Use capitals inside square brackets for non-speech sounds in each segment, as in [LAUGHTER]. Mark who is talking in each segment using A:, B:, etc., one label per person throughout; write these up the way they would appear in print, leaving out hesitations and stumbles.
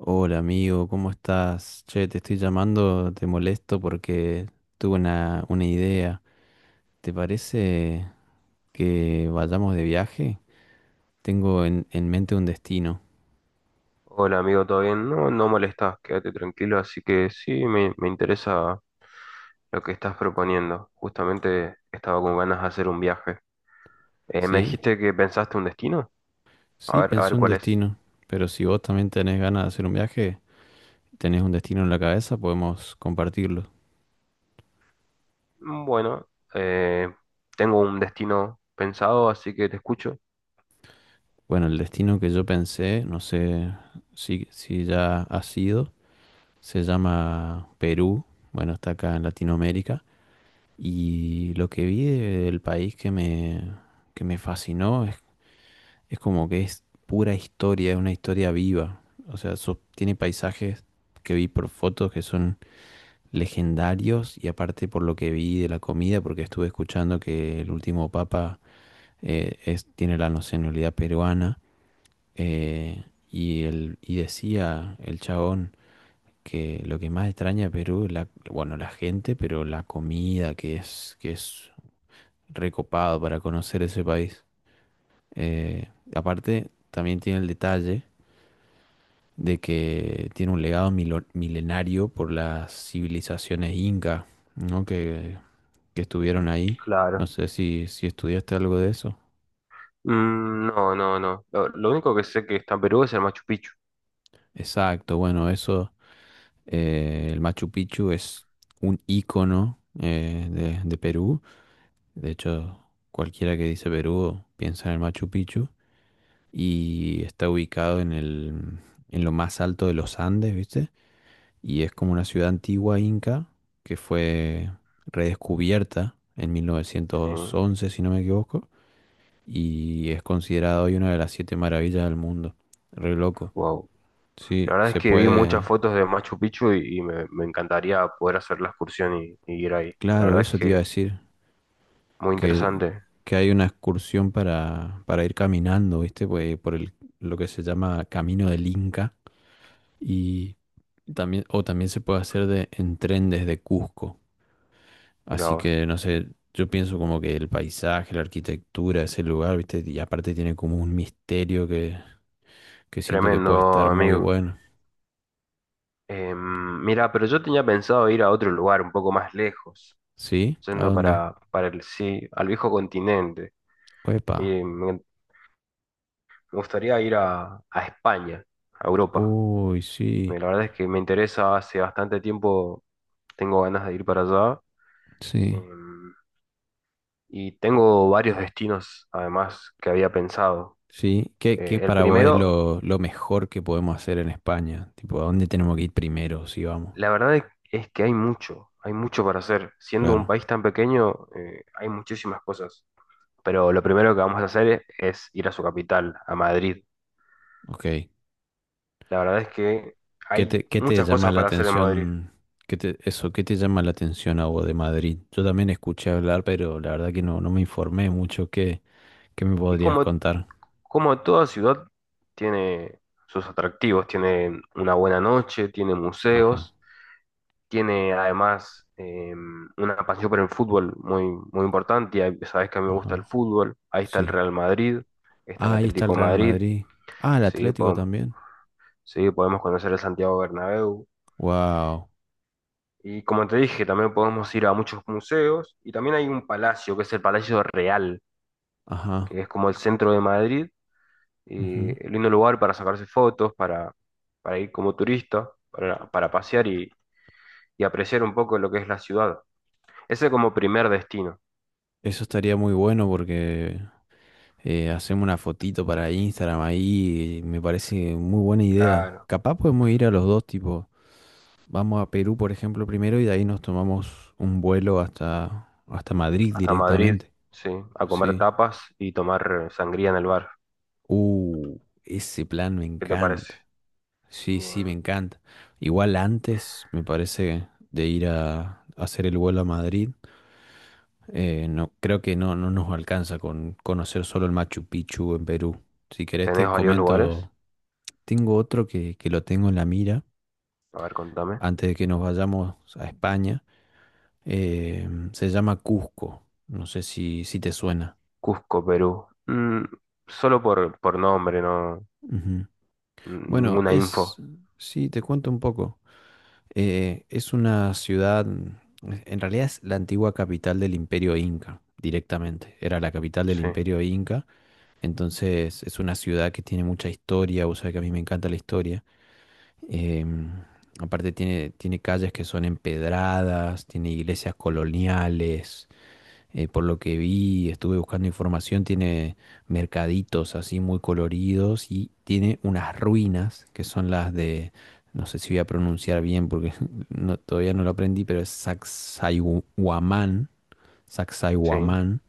A: Hola amigo, ¿cómo estás? Che, te estoy llamando, te molesto porque tuve una idea. ¿Te parece que vayamos de viaje? Tengo en mente un destino,
B: Hola amigo, ¿todo bien? No, no molestás, quédate tranquilo, así que sí, me interesa lo que estás proponiendo. Justamente estaba con ganas de hacer un viaje. ¿Me
A: ¿sí?
B: dijiste que pensaste un destino?
A: Sí,
B: A ver
A: pensé un
B: cuál es.
A: destino, pero si vos también tenés ganas de hacer un viaje, tenés un destino en la cabeza, podemos compartirlo.
B: Mm, bueno, eh, tengo un destino pensado, así que te escucho.
A: Bueno, el destino que yo pensé, no sé si ya ha sido, se llama Perú, bueno, está acá en Latinoamérica. Y lo que vi del país que me fascinó es como que es pura historia, es una historia viva. O sea, tiene paisajes que vi por fotos que son legendarios y aparte por lo que vi de la comida, porque estuve escuchando que el último papa tiene la nacionalidad peruana, y decía el chabón que lo que más extraña a Perú es la, bueno, la gente, pero la comida, que es recopado para conocer ese país. Eh, Aparte, también tiene el detalle de que tiene un legado milenario por las civilizaciones inca, ¿no? Que estuvieron ahí. No
B: Claro.
A: sé si estudiaste algo de eso.
B: Mm, no, no, no. Lo único que sé que está en Perú es el Machu Picchu.
A: Exacto, bueno, eso, el Machu Picchu es un ícono, de Perú. De hecho, cualquiera que dice Perú piensa en el Machu Picchu y está ubicado en lo más alto de los Andes, ¿viste? Y es como una ciudad antigua inca que fue redescubierta en
B: Sí,
A: 1911, si no me equivoco, y es considerada hoy una de las siete maravillas del mundo. Re loco.
B: wow.
A: Sí,
B: La verdad es
A: se
B: que vi muchas
A: puede.
B: fotos de Machu Picchu y me encantaría poder hacer la excursión y ir ahí. La
A: Claro,
B: verdad es
A: eso te iba a
B: que
A: decir,
B: muy
A: que,
B: interesante.
A: que hay una excursión para ir caminando, ¿viste? Pues, lo que se llama Camino del Inca y también, o también se puede hacer en tren desde Cusco.
B: Mira
A: Así
B: vos.
A: que, no sé, yo pienso como que el paisaje, la arquitectura, ese lugar, ¿viste? Y aparte tiene como un misterio que siento que puede
B: Tremendo,
A: estar muy
B: amigo.
A: bueno.
B: Em, mira, pero yo tenía pensado ir a otro lugar un poco más lejos,
A: ¿Sí? ¿A
B: yendo
A: dónde?
B: para el sí, al viejo continente.
A: ¡Epa!
B: Y me gustaría ir a España, a Europa.
A: Uy, sí,
B: La verdad es que me interesa, hace bastante tiempo tengo ganas de ir para allá.
A: sí,
B: em, y tengo varios destinos, además, que había pensado.
A: sí. ¿Qué,
B: Eh,
A: qué
B: el
A: para vos es
B: primero
A: lo mejor que podemos hacer en España? Tipo, ¿a dónde tenemos que ir primero si vamos?
B: La verdad es que hay mucho para hacer. Siendo un
A: Claro,
B: país tan pequeño, hay muchísimas cosas. Pero lo primero que vamos a hacer es ir a su capital, a Madrid.
A: ok.
B: La verdad es que hay
A: Qué te
B: muchas
A: llama
B: cosas
A: la
B: para hacer en Madrid.
A: atención? ¿Qué te, eso, qué te llama la atención a vos de Madrid? Yo también escuché hablar, pero la verdad que no, no me informé mucho. ¿Qué, qué me
B: Y
A: podrías
B: como,
A: contar?
B: como toda ciudad tiene sus atractivos, tiene una buena noche, tiene
A: Ajá,
B: museos, tiene además una pasión por el fútbol muy, muy importante. Y sabes que a mí me gusta el
A: ajá,
B: fútbol. Ahí está el
A: sí.
B: Real Madrid, está el
A: Ah, ahí está
B: Atlético
A: el
B: de
A: Real
B: Madrid.
A: Madrid. Ah, el
B: Sí,
A: Atlético
B: podemos,
A: también.
B: sí, podemos conocer el Santiago Bernabéu.
A: Wow,
B: Y como te dije, también podemos ir a muchos museos. Y también hay un palacio, que es el Palacio Real,
A: ajá.
B: que es como el centro de Madrid. Y
A: Ujú.
B: el lindo lugar para sacarse fotos, para ir como turista, para pasear y apreciar un poco lo que es la ciudad. Ese como primer destino.
A: Eso estaría muy bueno porque, hacemos una fotito para Instagram ahí. Me parece muy buena idea.
B: Claro,
A: Capaz podemos ir a los dos, tipo, vamos a Perú, por ejemplo, primero y de ahí nos tomamos un vuelo hasta Madrid
B: hasta Madrid,
A: directamente.
B: sí, a comer
A: Sí.
B: tapas y tomar sangría en el bar.
A: Ese plan me
B: ¿Qué te parece?
A: encanta. Sí, sí, me
B: Bueno,
A: encanta. Igual antes, me parece, de ir a hacer el vuelo a Madrid, no, creo que no nos alcanza con conocer solo el Machu Picchu en Perú. Si querés
B: ¿tenés
A: te
B: varios lugares?
A: comento, tengo otro que lo tengo en la mira
B: A ver, contame.
A: antes de que nos vayamos a España. eh, Se llama Cusco. No sé si te suena.
B: Cusco, Perú. Mm, solo por nombre, no.
A: Ujú. Bueno,
B: Ninguna info.
A: es... Sí, te cuento un poco. Es una ciudad, en realidad es la antigua capital del Imperio Inca, directamente. Era la capital del
B: Sí,
A: Imperio Inca, entonces es una ciudad que tiene mucha historia, vos sabés que a mí me encanta la historia. Em, Aparte tiene calles que son empedradas, tiene iglesias coloniales, por lo que vi, estuve buscando información, tiene mercaditos así muy coloridos y tiene unas ruinas que son las de, no sé si voy a pronunciar bien porque [LAUGHS] todavía no lo aprendí, pero es Sacsayhuamán,
B: sí.
A: Sacsayhuamán,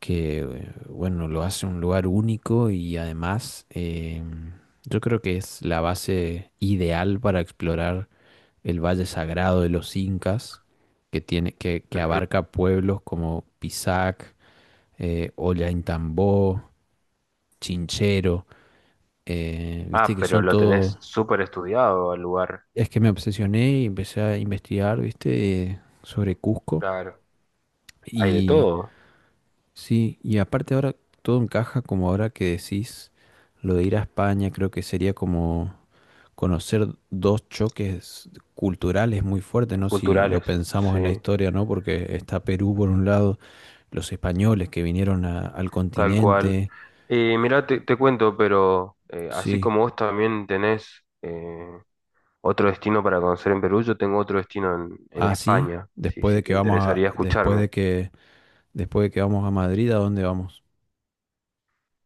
A: que, bueno, lo hace un lugar único y además, yo creo que es la base ideal para explorar el Valle Sagrado de los Incas que tiene, que abarca pueblos como Pisac, Ollantaytambo, Chinchero, viste
B: Ah,
A: que
B: pero
A: son
B: lo
A: todos...
B: tenés súper estudiado al lugar.
A: Es que me obsesioné y empecé a investigar, viste, sobre Cusco.
B: Claro. Hay de
A: Y
B: todo.
A: sí, y aparte ahora todo encaja como ahora que decís lo de ir a España, creo que sería como conocer dos choques culturales muy fuertes, ¿no? Si lo
B: Culturales.
A: pensamos
B: Sí,
A: en la historia, ¿no? Porque está Perú por un lado, los españoles que vinieron al
B: tal cual.
A: continente,
B: Mirá, te cuento, pero así
A: sí.
B: como vos también tenés otro destino para conocer en Perú, yo tengo otro destino en
A: Así,
B: España, si, si te interesaría escucharme.
A: después de que vamos a Madrid, ¿a dónde vamos?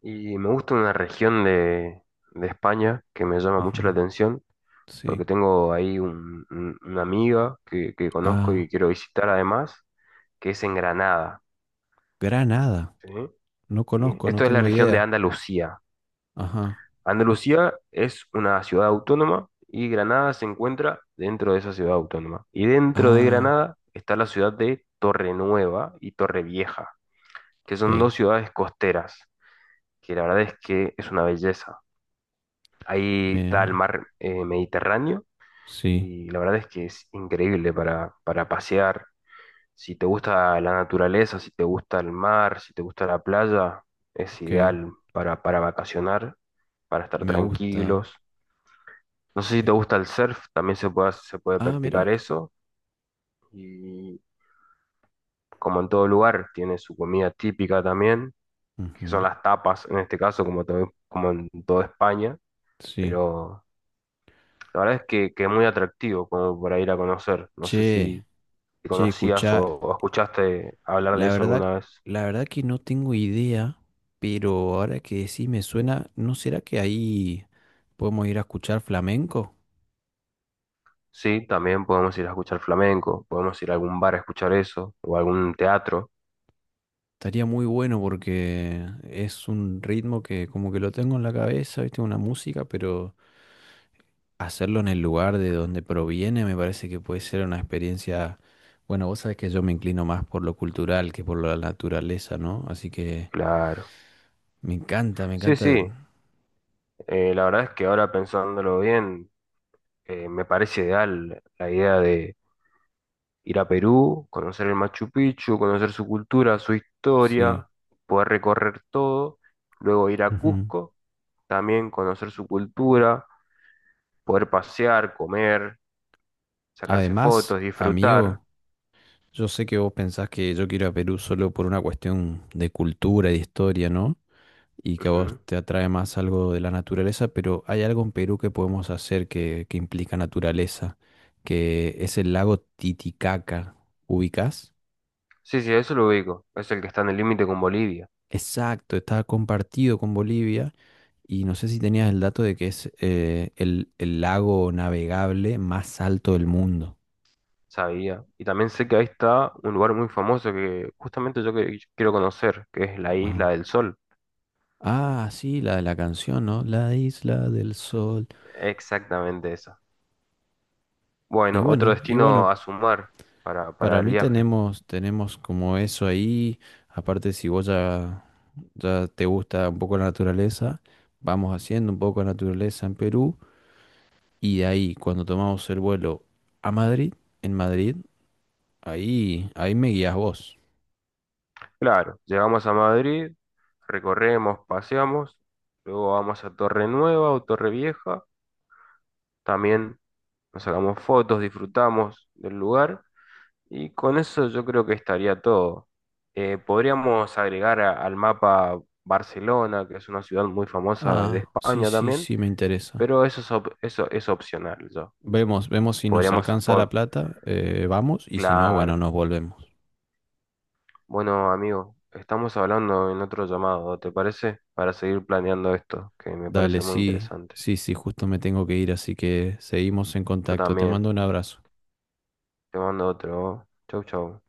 B: Y me gusta una región de España que me llama mucho la
A: Ujú,
B: atención
A: sí.
B: porque tengo ahí una amiga que conozco
A: Ah,
B: y quiero visitar además, que es en Granada,
A: Granada.
B: ¿sí?
A: No
B: Sí.
A: conozco, no
B: Esto es la
A: tengo
B: región de
A: idea.
B: Andalucía.
A: Ajá.
B: Andalucía es una ciudad autónoma y Granada se encuentra dentro de esa ciudad autónoma. Y dentro de
A: Ah,
B: Granada está la ciudad de Torrenueva y Torrevieja, que son
A: ok.
B: dos ciudades costeras, que la verdad es que es una belleza. Ahí está el
A: Me,
B: mar Mediterráneo
A: sí,
B: y la verdad es que es increíble para pasear. Si te gusta la naturaleza, si te gusta el mar, si te gusta la playa, es
A: ok.
B: ideal para vacacionar, para estar
A: Me gusta.
B: tranquilos. No sé si te
A: Es-
B: gusta el surf, también se puede, se puede
A: Ah,
B: practicar
A: mira.
B: eso. Y como en todo lugar, tiene su comida típica también, que son
A: Ujú,
B: las tapas en este caso, como, como en toda España.
A: sí.
B: Pero la verdad es que es muy atractivo como para ir a conocer. No sé
A: Che,
B: si si
A: che,
B: conocías
A: escuchá.
B: o escuchaste hablar de
A: La
B: eso
A: verdad,
B: alguna vez.
A: la verdad que no tengo idea, pero ahora que sí me suena, ¿no será que ahí podemos ir a escuchar flamenco?
B: Sí, también podemos ir a escuchar flamenco, podemos ir a algún bar a escuchar eso, o a algún teatro,
A: Estaría muy bueno porque es un ritmo que como que lo tengo en la cabeza, ¿viste? Una música, pero hacerlo en el lugar de donde proviene me parece que puede ser una experiencia... Bueno, vos sabés que yo me inclino más por lo cultural que por la naturaleza, ¿no? Así que
B: claro.
A: me encanta, me
B: Sí,
A: encanta.
B: sí, la verdad es que ahora pensándolo bien, me parece ideal la idea de ir a Perú, conocer el Machu Picchu, conocer su cultura, su
A: Sí.
B: historia, poder recorrer todo, luego ir a
A: Ujú.
B: Cusco, también conocer su cultura, poder pasear, comer, sacarse
A: Además,
B: fotos, disfrutar.
A: amigo, yo sé que vos pensás que yo quiero ir a Perú solo por una cuestión de cultura y de historia, ¿no? Y que a vos
B: Ujú.
A: te atrae más algo de la naturaleza, pero hay algo en Perú que podemos hacer que implica naturaleza, que es el lago Titicaca. ¿Ubicás?
B: Sí, sí, eso lo ubico, es el que está en el límite con Bolivia.
A: Exacto, está compartido con Bolivia y no sé si tenías el dato de que es, el lago navegable más alto del mundo.
B: Sabía. Y también sé que ahí está un lugar muy famoso que justamente yo quiero conocer, que es la Isla
A: Ajá.
B: del Sol.
A: Ah, sí, la de la canción, ¿no? La isla del sol.
B: Exactamente esa. Bueno, otro
A: Y bueno,
B: destino a sumar
A: para
B: para el
A: mí
B: viaje.
A: tenemos, tenemos como eso ahí. Aparte, si vos ya te gusta un poco la naturaleza, vamos haciendo un poco de naturaleza en Perú y de ahí cuando tomamos el vuelo a Madrid, en Madrid, ahí me guías vos.
B: Claro, llegamos a Madrid, recorremos, paseamos, luego vamos a Torre Nueva o Torre Vieja. También nos sacamos fotos, disfrutamos del lugar. Y con eso yo creo que estaría todo. Podríamos agregar al mapa Barcelona, que es una ciudad muy famosa de
A: Ah, sí,
B: España
A: sí,
B: también,
A: sí, me interesa.
B: pero eso es, eso es opcional ya.
A: Vemos, vemos si nos
B: Podríamos,
A: alcanza la
B: po-
A: plata, vamos y si no, bueno,
B: claro.
A: nos volvemos.
B: Bueno, amigo, estamos hablando en otro llamado, ¿te parece? Para seguir planeando esto, que me
A: Dale,
B: parece muy
A: sí,
B: interesante.
A: sí, sí, justo me tengo que ir, así que seguimos en
B: Yo
A: contacto. Te
B: también.
A: mando un abrazo.
B: Te mando otro. Chau, chau.